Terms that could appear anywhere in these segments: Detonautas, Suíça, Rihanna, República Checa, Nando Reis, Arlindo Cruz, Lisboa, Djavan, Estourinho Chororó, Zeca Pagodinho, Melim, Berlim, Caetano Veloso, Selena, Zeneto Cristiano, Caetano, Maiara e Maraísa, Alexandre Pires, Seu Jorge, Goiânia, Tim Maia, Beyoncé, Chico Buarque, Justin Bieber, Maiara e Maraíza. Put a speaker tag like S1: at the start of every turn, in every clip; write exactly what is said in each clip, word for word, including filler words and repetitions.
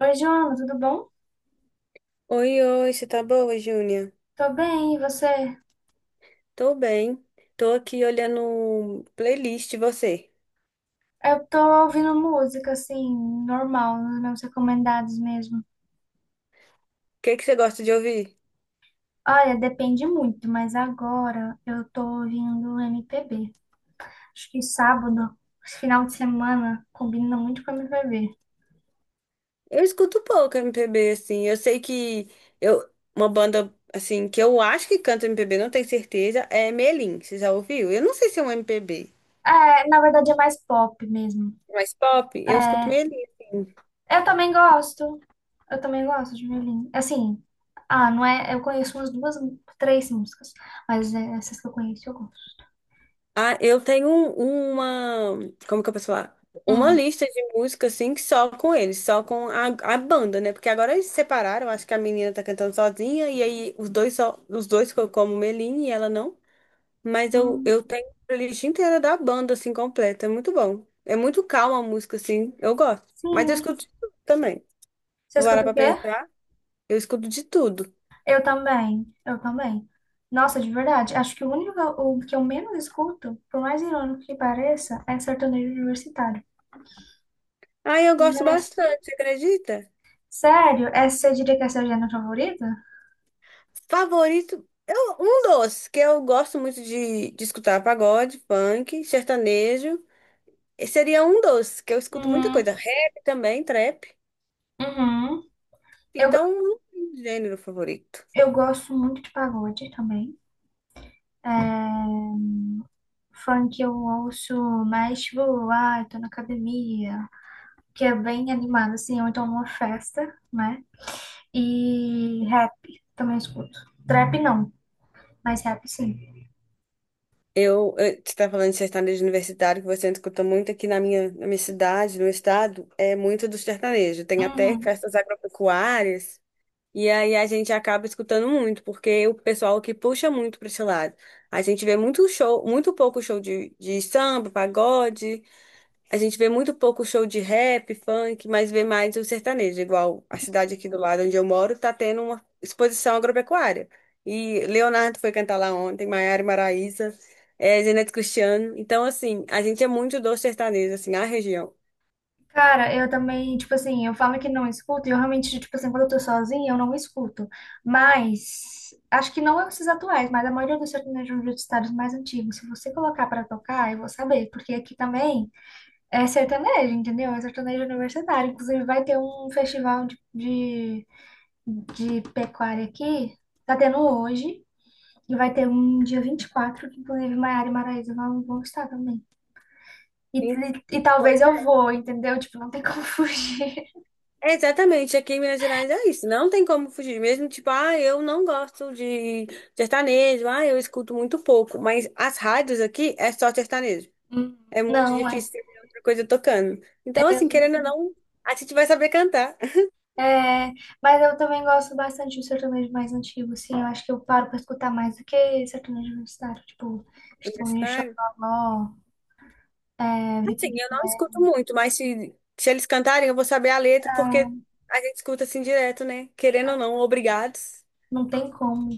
S1: Oi, Joana, tudo bom?
S2: Oi, oi, você tá boa, Júnia?
S1: Tô bem, e você?
S2: Tô bem. Tô aqui olhando playlist, e você.
S1: Eu tô ouvindo música, assim, normal, nos meus recomendados mesmo.
S2: O que que você gosta de ouvir?
S1: Olha, depende muito, mas agora eu tô ouvindo M P B. Acho que sábado, esse final de semana, combina muito com M P B.
S2: Eu escuto pouco M P B, assim. Eu sei que eu, uma banda, assim, que eu acho que canta M P B, não tenho certeza, é Melim. Você já ouviu? Eu não sei se é um M P B.
S1: É, na verdade é mais pop mesmo.
S2: Mas pop, eu escuto Melim, assim.
S1: Eu também gosto, eu também gosto de violino. Assim, ah, não é, eu conheço umas duas, três músicas, mas é, essas que eu conheço eu gosto.
S2: Ah, eu tenho um- uma. Como que eu posso falar? Uma
S1: Hum,
S2: lista de música, assim, que só com eles, só com a, a banda, né? Porque agora eles se separaram, acho que a menina tá cantando sozinha, e aí os dois só, os dois ficam como Meline e ela não. Mas eu,
S1: hum,
S2: eu tenho a playlist inteira da banda, assim, completa. É muito bom. É muito calma a música, assim, eu gosto. Mas eu
S1: sim.
S2: escuto de tudo também.
S1: Você
S2: Vou parar
S1: escuta o
S2: pra
S1: quê?
S2: pensar, eu escuto de tudo.
S1: Eu também, eu também. Nossa, de verdade, acho que o único o que eu menos escuto, por mais irônico que pareça, é sertanejo universitário.
S2: Aí eu gosto
S1: Já-
S2: bastante, você acredita?
S1: Sério? Essa você diria que é a seu gênero favorito?
S2: Favorito, eu, um dos que eu gosto muito de, de escutar pagode, funk, sertanejo. Esse seria um dos que eu escuto muita
S1: Uhum,
S2: coisa. Rap também, trap.
S1: uhum. Eu,
S2: Então, não tem gênero favorito.
S1: eu gosto muito de pagode também. É, funk eu ouço mais, tipo, ai, tô na academia, que é bem animado, assim, ou então numa festa, né? E rap também escuto. Trap não, mas rap sim.
S2: Eu, eu- você está falando de sertanejo universitário, que você escuta muito aqui na minha, na minha cidade, no meu estado, é muito do sertanejo. Tem até
S1: Uhum.
S2: festas agropecuárias. E aí a gente acaba escutando muito, porque o pessoal que puxa muito para esse lado. A gente vê muito show, muito pouco show de, de samba, pagode, a gente vê muito pouco show de rap, funk, mas vê mais o sertanejo, igual a cidade aqui do lado onde eu moro tá tendo uma exposição agropecuária. E Leonardo foi cantar lá ontem, Maiara e Maraísa, é, Zeneto Cristiano. Então, assim, a gente é muito do sertanejo, assim, a região.
S1: Cara, eu também, tipo assim, eu falo que não escuto, e eu realmente, tipo assim, quando eu tô sozinha, eu não escuto. Mas, acho que não é esses atuais, mas a maioria dos sertanejos universitários mais antigos, se você colocar pra tocar, eu vou saber, porque aqui também é sertanejo, entendeu? É sertanejo universitário. Inclusive, vai ter um festival de, de, de pecuária aqui, tá tendo hoje, e vai ter um dia vinte e quatro, que inclusive Maiara e Maraíza vão vão estar também. E,
S2: Sim.
S1: e, e talvez eu vou, entendeu? Tipo, não tem como fugir.
S2: É, exatamente, aqui em Minas Gerais é isso, não tem como fugir, mesmo tipo, ah, eu não gosto de sertanejo, ah, eu escuto muito pouco, mas as rádios aqui é só sertanejo,
S1: Hum,
S2: é muito
S1: Não, é.
S2: difícil ter outra coisa tocando. Então, assim, querendo ou não, a gente vai saber cantar.
S1: É, mas eu também gosto bastante do sertanejo mais antigo, assim, eu acho que eu paro pra escutar mais do que sertanejo universitário, tipo, Estourinho
S2: Universitário?
S1: Chororó, é,
S2: Assim,
S1: Vitor,
S2: eu não escuto muito, mas se, se eles cantarem, eu vou saber a letra, porque a gente escuta assim direto, né? Querendo ou não, obrigados.
S1: não tem como,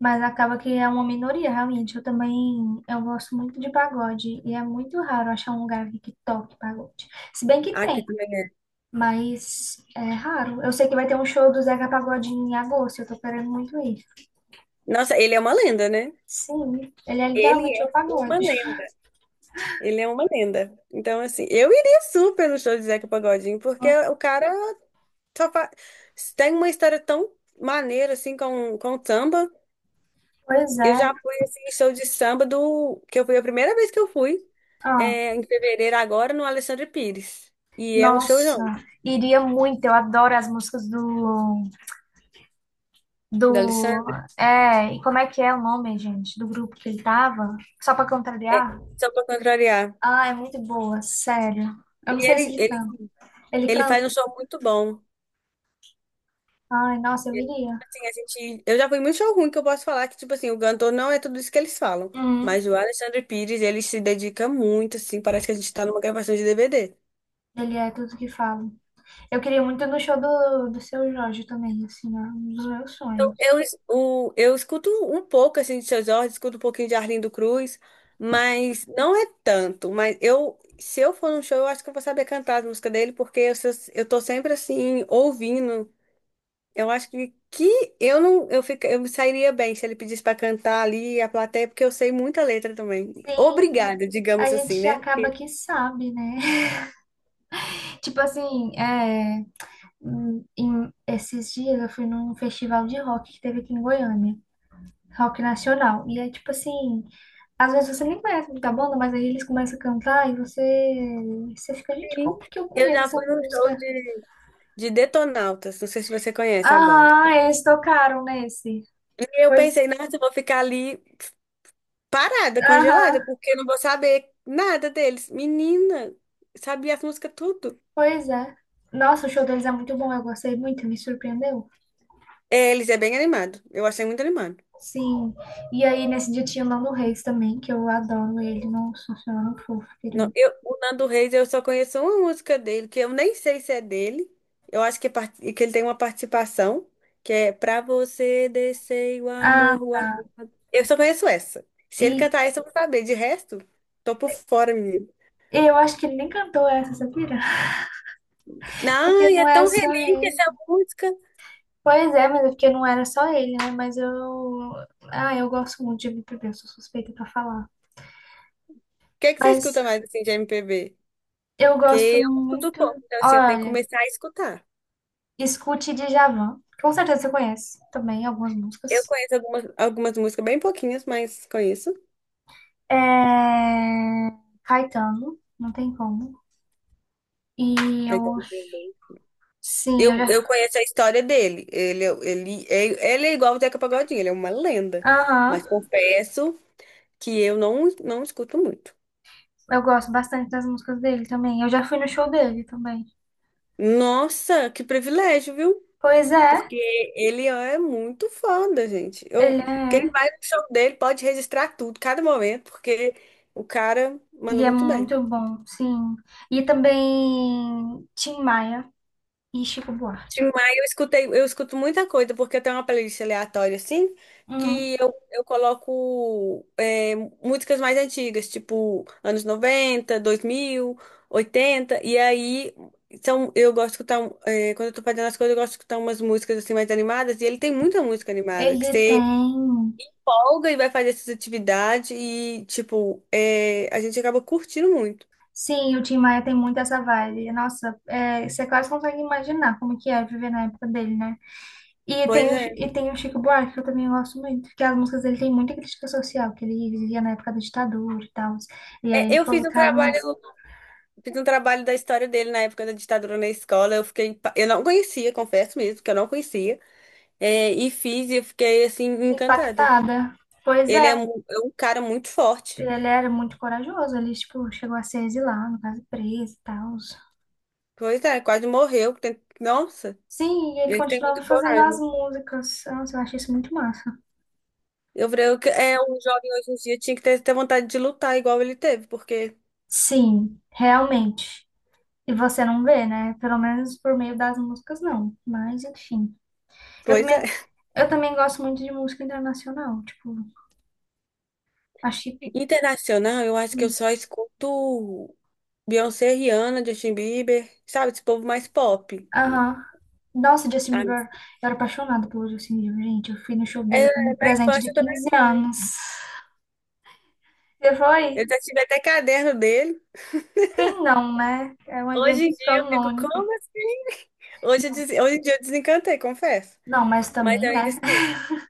S1: mas acaba que é uma minoria, realmente, eu também, eu gosto muito de pagode, e é muito raro achar um lugar aqui que toque pagode, se bem que
S2: Aqui
S1: tem,
S2: também é.
S1: mas é raro, eu sei que vai ter um show do Zeca Pagodinho em agosto, eu tô querendo muito ir,
S2: Nossa, ele é uma lenda, né?
S1: sim, ele é
S2: Ele
S1: literalmente
S2: é
S1: o
S2: uma
S1: pagode.
S2: lenda. Ele é uma lenda. Então, assim, eu iria super no show de Zeca Pagodinho, porque
S1: Nossa,
S2: o cara só fa- tem uma história tão maneira, assim, com, com o samba.
S1: pois
S2: Eu
S1: é,
S2: já fui, assim, em show de samba do. Que eu fui a primeira vez que eu fui,
S1: ah,
S2: é, em fevereiro agora, no Alexandre Pires. E é um
S1: nossa,
S2: showzão
S1: iria muito. Eu adoro as músicas do,
S2: do
S1: do,
S2: Alexandre,
S1: é, e como é que é o nome, gente, do grupo que ele tava? Só pra
S2: é,
S1: contrariar?
S2: só pra contrariar.
S1: Ah, é muito boa, sério. Eu não
S2: E
S1: sei se
S2: ele,
S1: ele
S2: ele,
S1: canta. Ele
S2: ele faz um
S1: canta?
S2: show muito bom.
S1: Ai, nossa, eu iria.
S2: Assim, a gente, eu já fui em muito show ruim que eu posso falar que, tipo assim, o cantor não é tudo isso que eles falam.
S1: Uhum.
S2: Mas o Alexandre Pires, ele se dedica muito, assim, parece que a gente tá numa gravação de D V D.
S1: Ele é tudo que falo. Eu queria muito ir no show do, do Seu Jorge também, assim, é um dos meus
S2: Eu, eu,
S1: sonhos.
S2: es- o, eu escuto um pouco, assim, de Seu Jorge, escuto um pouquinho de Arlindo Cruz, mas não é tanto. Mas eu, se eu for num show, eu acho que eu vou saber cantar as músicas dele, porque eu, sou- eu tô sempre, assim, ouvindo. Eu acho que, que eu não eu, fica, eu me sairia bem se ele pedisse para cantar ali a plateia, porque eu sei muita letra também.
S1: Sim,
S2: Obrigada,
S1: a
S2: digamos assim,
S1: gente
S2: né?
S1: acaba
S2: Porque
S1: que sabe, né? Tipo assim, é. Hum, em- esses dias eu fui num festival de rock que teve aqui em Goiânia, rock nacional. E é tipo assim, às vezes você nem conhece muita banda, mas aí eles começam a cantar e você, você fica, gente,
S2: sim,
S1: como que eu
S2: eu
S1: conheço
S2: já
S1: essa
S2: fui num
S1: música?
S2: show de, de Detonautas, não sei se você conhece a banda.
S1: Aham, eles tocaram nesse.
S2: E eu
S1: Foi,
S2: pensei, nossa, eu vou ficar ali parada, congelada,
S1: aham,
S2: porque eu não vou saber nada deles. Menina, sabia as músicas tudo.
S1: pois é. Nossa, o show deles é muito bom, eu gostei muito, me surpreendeu.
S2: É, eles é bem animado. Eu achei muito animado.
S1: Sim, e aí nesse dia tinha o Nando Reis também, que eu adoro ele, nossa senhora, é um fofo,
S2: Não,
S1: querido.
S2: eu, o Nando Reis, eu só conheço uma música dele, que eu nem sei se é dele. Eu acho que, é part- que ele tem uma participação, que é Pra você descer o
S1: Ah,
S2: amor, o amor. Eu só conheço essa. Se ele
S1: e
S2: cantar essa, eu vou saber. De resto, tô por fora, menino.
S1: eu acho que ele nem cantou essa, sabia? Porque
S2: Não, e
S1: não
S2: é
S1: é
S2: tão
S1: só
S2: relíquia
S1: ele.
S2: essa música. O
S1: Pois é, mas é porque não era só ele, né? Mas eu. Ah, eu gosto muito de M P B, eu sou suspeita pra falar.
S2: que é que você
S1: Mas
S2: escuta mais, assim, de M P B?
S1: eu gosto
S2: Que eu escuto
S1: muito.
S2: pouco, então, assim, eu tenho que
S1: Olha,
S2: começar a escutar.
S1: escute Djavan. Com certeza você conhece também algumas
S2: Eu
S1: músicas.
S2: conheço algumas, algumas músicas bem pouquinhas, mas conheço.
S1: É... Caetano, não tem como. E eu.
S2: Caetano Veloso.
S1: Sim, eu
S2: Eu, eu
S1: já.
S2: conheço a história dele. Ele, é- ele, é- ele é igual o Zeca Pagodinho, ele é uma lenda.
S1: Aham,
S2: Mas confesso que eu não, não escuto muito.
S1: eu gosto bastante das músicas dele também. Eu já fui no show dele também.
S2: Nossa, que privilégio, viu?
S1: Pois é,
S2: Porque ele é muito foda, gente.
S1: ele
S2: Eu, quem
S1: é.
S2: vai no show dele pode registrar tudo, cada momento, porque o cara manda
S1: E é
S2: muito bem.
S1: muito bom, sim. E também Tim Maia e Chico
S2: Tim
S1: Buarque.
S2: Maia, eu escutei, eu escuto muita coisa, porque eu tenho uma playlist aleatória, assim,
S1: Uhum.
S2: que eu, eu coloco é, músicas mais antigas, tipo anos noventa dois mil oitenta e aí são, eu gosto de escutar, é, quando eu tô fazendo as coisas, eu gosto de escutar umas músicas assim mais animadas, e ele tem muita música animada, que
S1: Ele
S2: você
S1: tem.
S2: folga e vai fazer essas atividades, e tipo, é, a gente acaba curtindo muito.
S1: Sim, o Tim Maia tem muito essa vibe. Nossa, é, você quase consegue imaginar como que é viver na época dele, né? E
S2: Pois
S1: tem o,
S2: é.
S1: e tem o Chico Buarque, que eu também gosto muito, que as músicas dele tem muita crítica social, que ele vivia na época da ditadura e tal. E aí
S2: É,
S1: ele
S2: eu fiz um
S1: colocava umas
S2: trabalho. Fiz um trabalho da história dele na época da ditadura na escola. Eu fiquei, pa- eu não conhecia, confesso mesmo, que eu não conhecia. É, e fiz e eu fiquei assim encantada.
S1: impactada. Pois
S2: Ele é,
S1: é,
S2: mu- é um cara muito forte.
S1: ele era muito corajoso, ele, tipo, chegou a ser exilado, no caso, preso e tal.
S2: Pois é, quase morreu. tem- Nossa,
S1: Sim, e ele
S2: ele tem
S1: continuava
S2: muito
S1: fazendo as
S2: coragem.
S1: músicas. Nossa, eu achei isso muito massa.
S2: Eu falei, eu que- é um jovem hoje em dia tinha que ter, ter, vontade de lutar igual ele teve, porque,
S1: Sim, realmente. E você não vê, né? Pelo menos por meio das músicas, não. Mas, enfim. Eu
S2: pois é.
S1: também, eu também gosto muito de música internacional. Tipo, achei.
S2: Internacional, eu acho que eu
S1: Hum,
S2: só escuto Beyoncé, Rihanna, Justin Bieber, sabe, esse povo mais pop.
S1: aham. Nossa, Justin
S2: Ah,
S1: Bieber, eu era apaixonada pelo Justin Bieber, gente. Eu fui no show
S2: é,
S1: dele com um
S2: na
S1: presente de
S2: infância também.
S1: quinze anos. Você
S2: Eu
S1: foi?
S2: já tive até caderno dele.
S1: Quem não, né? É um
S2: Hoje
S1: evento
S2: em dia eu fico,
S1: canônico.
S2: como assim? Hoje, eu
S1: Não,
S2: des- hoje em dia eu desencantei, confesso.
S1: não, mas
S2: Mas eu
S1: também,
S2: ainda
S1: né?
S2: escuto.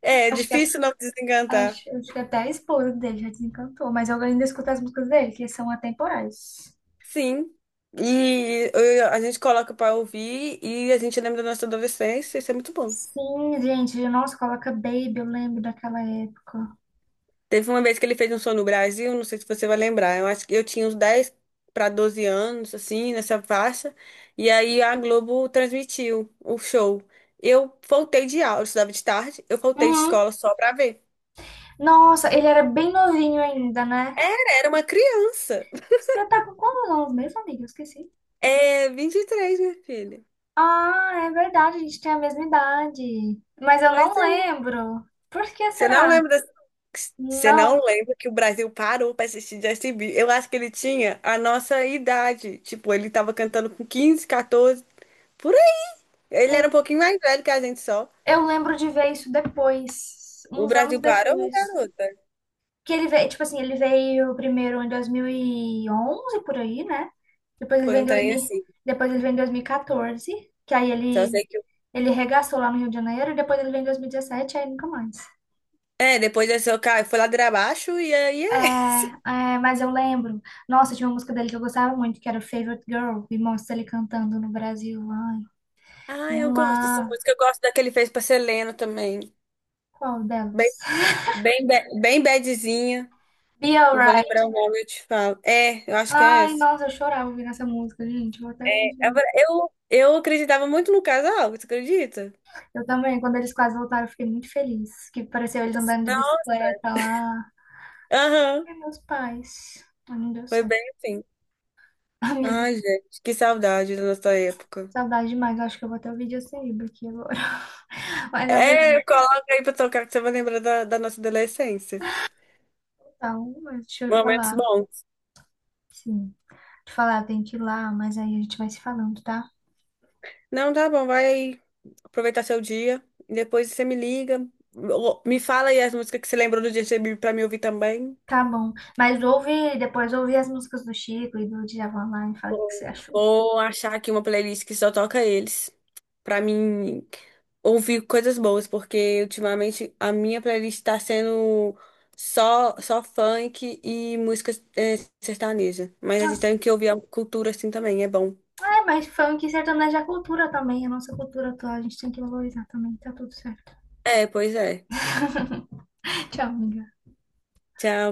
S2: É, é
S1: Acho que
S2: difícil não desencantar.
S1: Acho, acho que até a esposa dele já desencantou, mas eu ainda escuto as músicas dele, que são atemporais.
S2: Sim. E eu- a gente coloca pra ouvir e a gente lembra da nossa adolescência. Isso é muito bom.
S1: Sim, gente, nossa, coloca Baby, eu lembro daquela época.
S2: Teve uma vez que ele fez um show no Brasil, não sei se você vai lembrar. Eu acho que eu tinha uns dez para doze anos, assim, nessa faixa. E aí a Globo transmitiu o show. Eu faltei de aula, eu estudava de tarde, eu faltei de
S1: Uhum.
S2: escola só pra ver.
S1: Nossa, ele era bem novinho ainda, né?
S2: Era uma criança.
S1: Você tá com quantos anos mesmo, amiga? Eu esqueci.
S2: É, vinte e três minha filha.
S1: Ah, é verdade, a gente tem a mesma idade. Mas eu não
S2: Pois é.
S1: lembro. Por que
S2: Você não
S1: será?
S2: lembra dessa. Você não
S1: Não,
S2: lembra que o Brasil parou pra assistir Justin Bieber. Eu acho que ele tinha a nossa idade. Tipo, ele tava cantando com quinze quatorze, por aí. Ele era um pouquinho mais velho que a gente só.
S1: eu lembro de ver isso depois,
S2: O
S1: uns
S2: Brasil
S1: anos
S2: parou,
S1: depois.
S2: garota.
S1: Que ele veio, tipo assim, ele veio primeiro em dois mil e onze, por aí, né? Depois ele
S2: Foi
S1: veio
S2: um
S1: em
S2: trem
S1: dois mil,
S2: assim.
S1: depois ele veio em dois mil e quatorze, que aí
S2: Só
S1: ele,
S2: sei que. o-
S1: ele regaçou lá no Rio de Janeiro, e depois ele veio em dois mil e dezessete, aí nunca mais.
S2: É, depois desse eu caí, foi ladeira abaixo e aí
S1: É,
S2: é isso.
S1: é, mas eu lembro. Nossa, tinha uma música dele que eu gostava muito, que era Favorite Girl, e mostra ele cantando no Brasil. Ai,
S2: Ah, eu gosto dessa
S1: uma.
S2: música. Eu gosto da que ele fez pra Selena também.
S1: Qual
S2: Bem,
S1: delas?
S2: bem, ba- bem badzinha.
S1: Be
S2: Eu vou
S1: Alright.
S2: lembrar o nome, eu te falo. É, eu acho que é
S1: Ai,
S2: essa.
S1: nossa, eu chorava ouvindo essa música, gente. Eu até hoje.
S2: Agora, Eu, eu acreditava muito no casal, você acredita?
S1: Eu também, quando eles quase voltaram, eu fiquei muito feliz. Que pareceu
S2: Eu
S1: eles
S2: tô assim,
S1: andando de
S2: não,
S1: bicicleta lá.
S2: aham,
S1: Ai, meus pais. Mas não deu
S2: foi
S1: certo.
S2: bem assim.
S1: Amiga,
S2: Ai, gente, que saudade da nossa época.
S1: saudade demais. Eu acho que eu vou ter o vídeo sem livro aqui agora. Mas, amiga,
S2: É, coloca aí pra tocar que você vai lembrar da, da nossa adolescência.
S1: então, mas deixa eu
S2: Momentos
S1: falar.
S2: bons.
S1: Sim. Te falar, tem que ir lá, mas aí a gente vai se falando, tá?
S2: Não, tá bom, vai aí aproveitar seu dia. E depois você me liga. ou- Me fala aí as músicas que você lembrou do dia que você veio pra me ouvir também.
S1: Tá bom. Mas ouve, depois ouve as músicas do Chico e do Djavan lá e fala o que você achou.
S2: Vou achar aqui uma playlist que só toca eles, pra mim ouvir coisas boas, porque ultimamente a minha playlist tá sendo só só funk e música eh, sertaneja. Mas a gente
S1: Ah,
S2: tem que ouvir a cultura assim também, é bom.
S1: é, mas funk e sertanejo é cultura também. A nossa cultura atual, a gente tem que valorizar também. Tá tudo certo.
S2: É, pois é.
S1: Tchau, amiga.
S2: Tchau.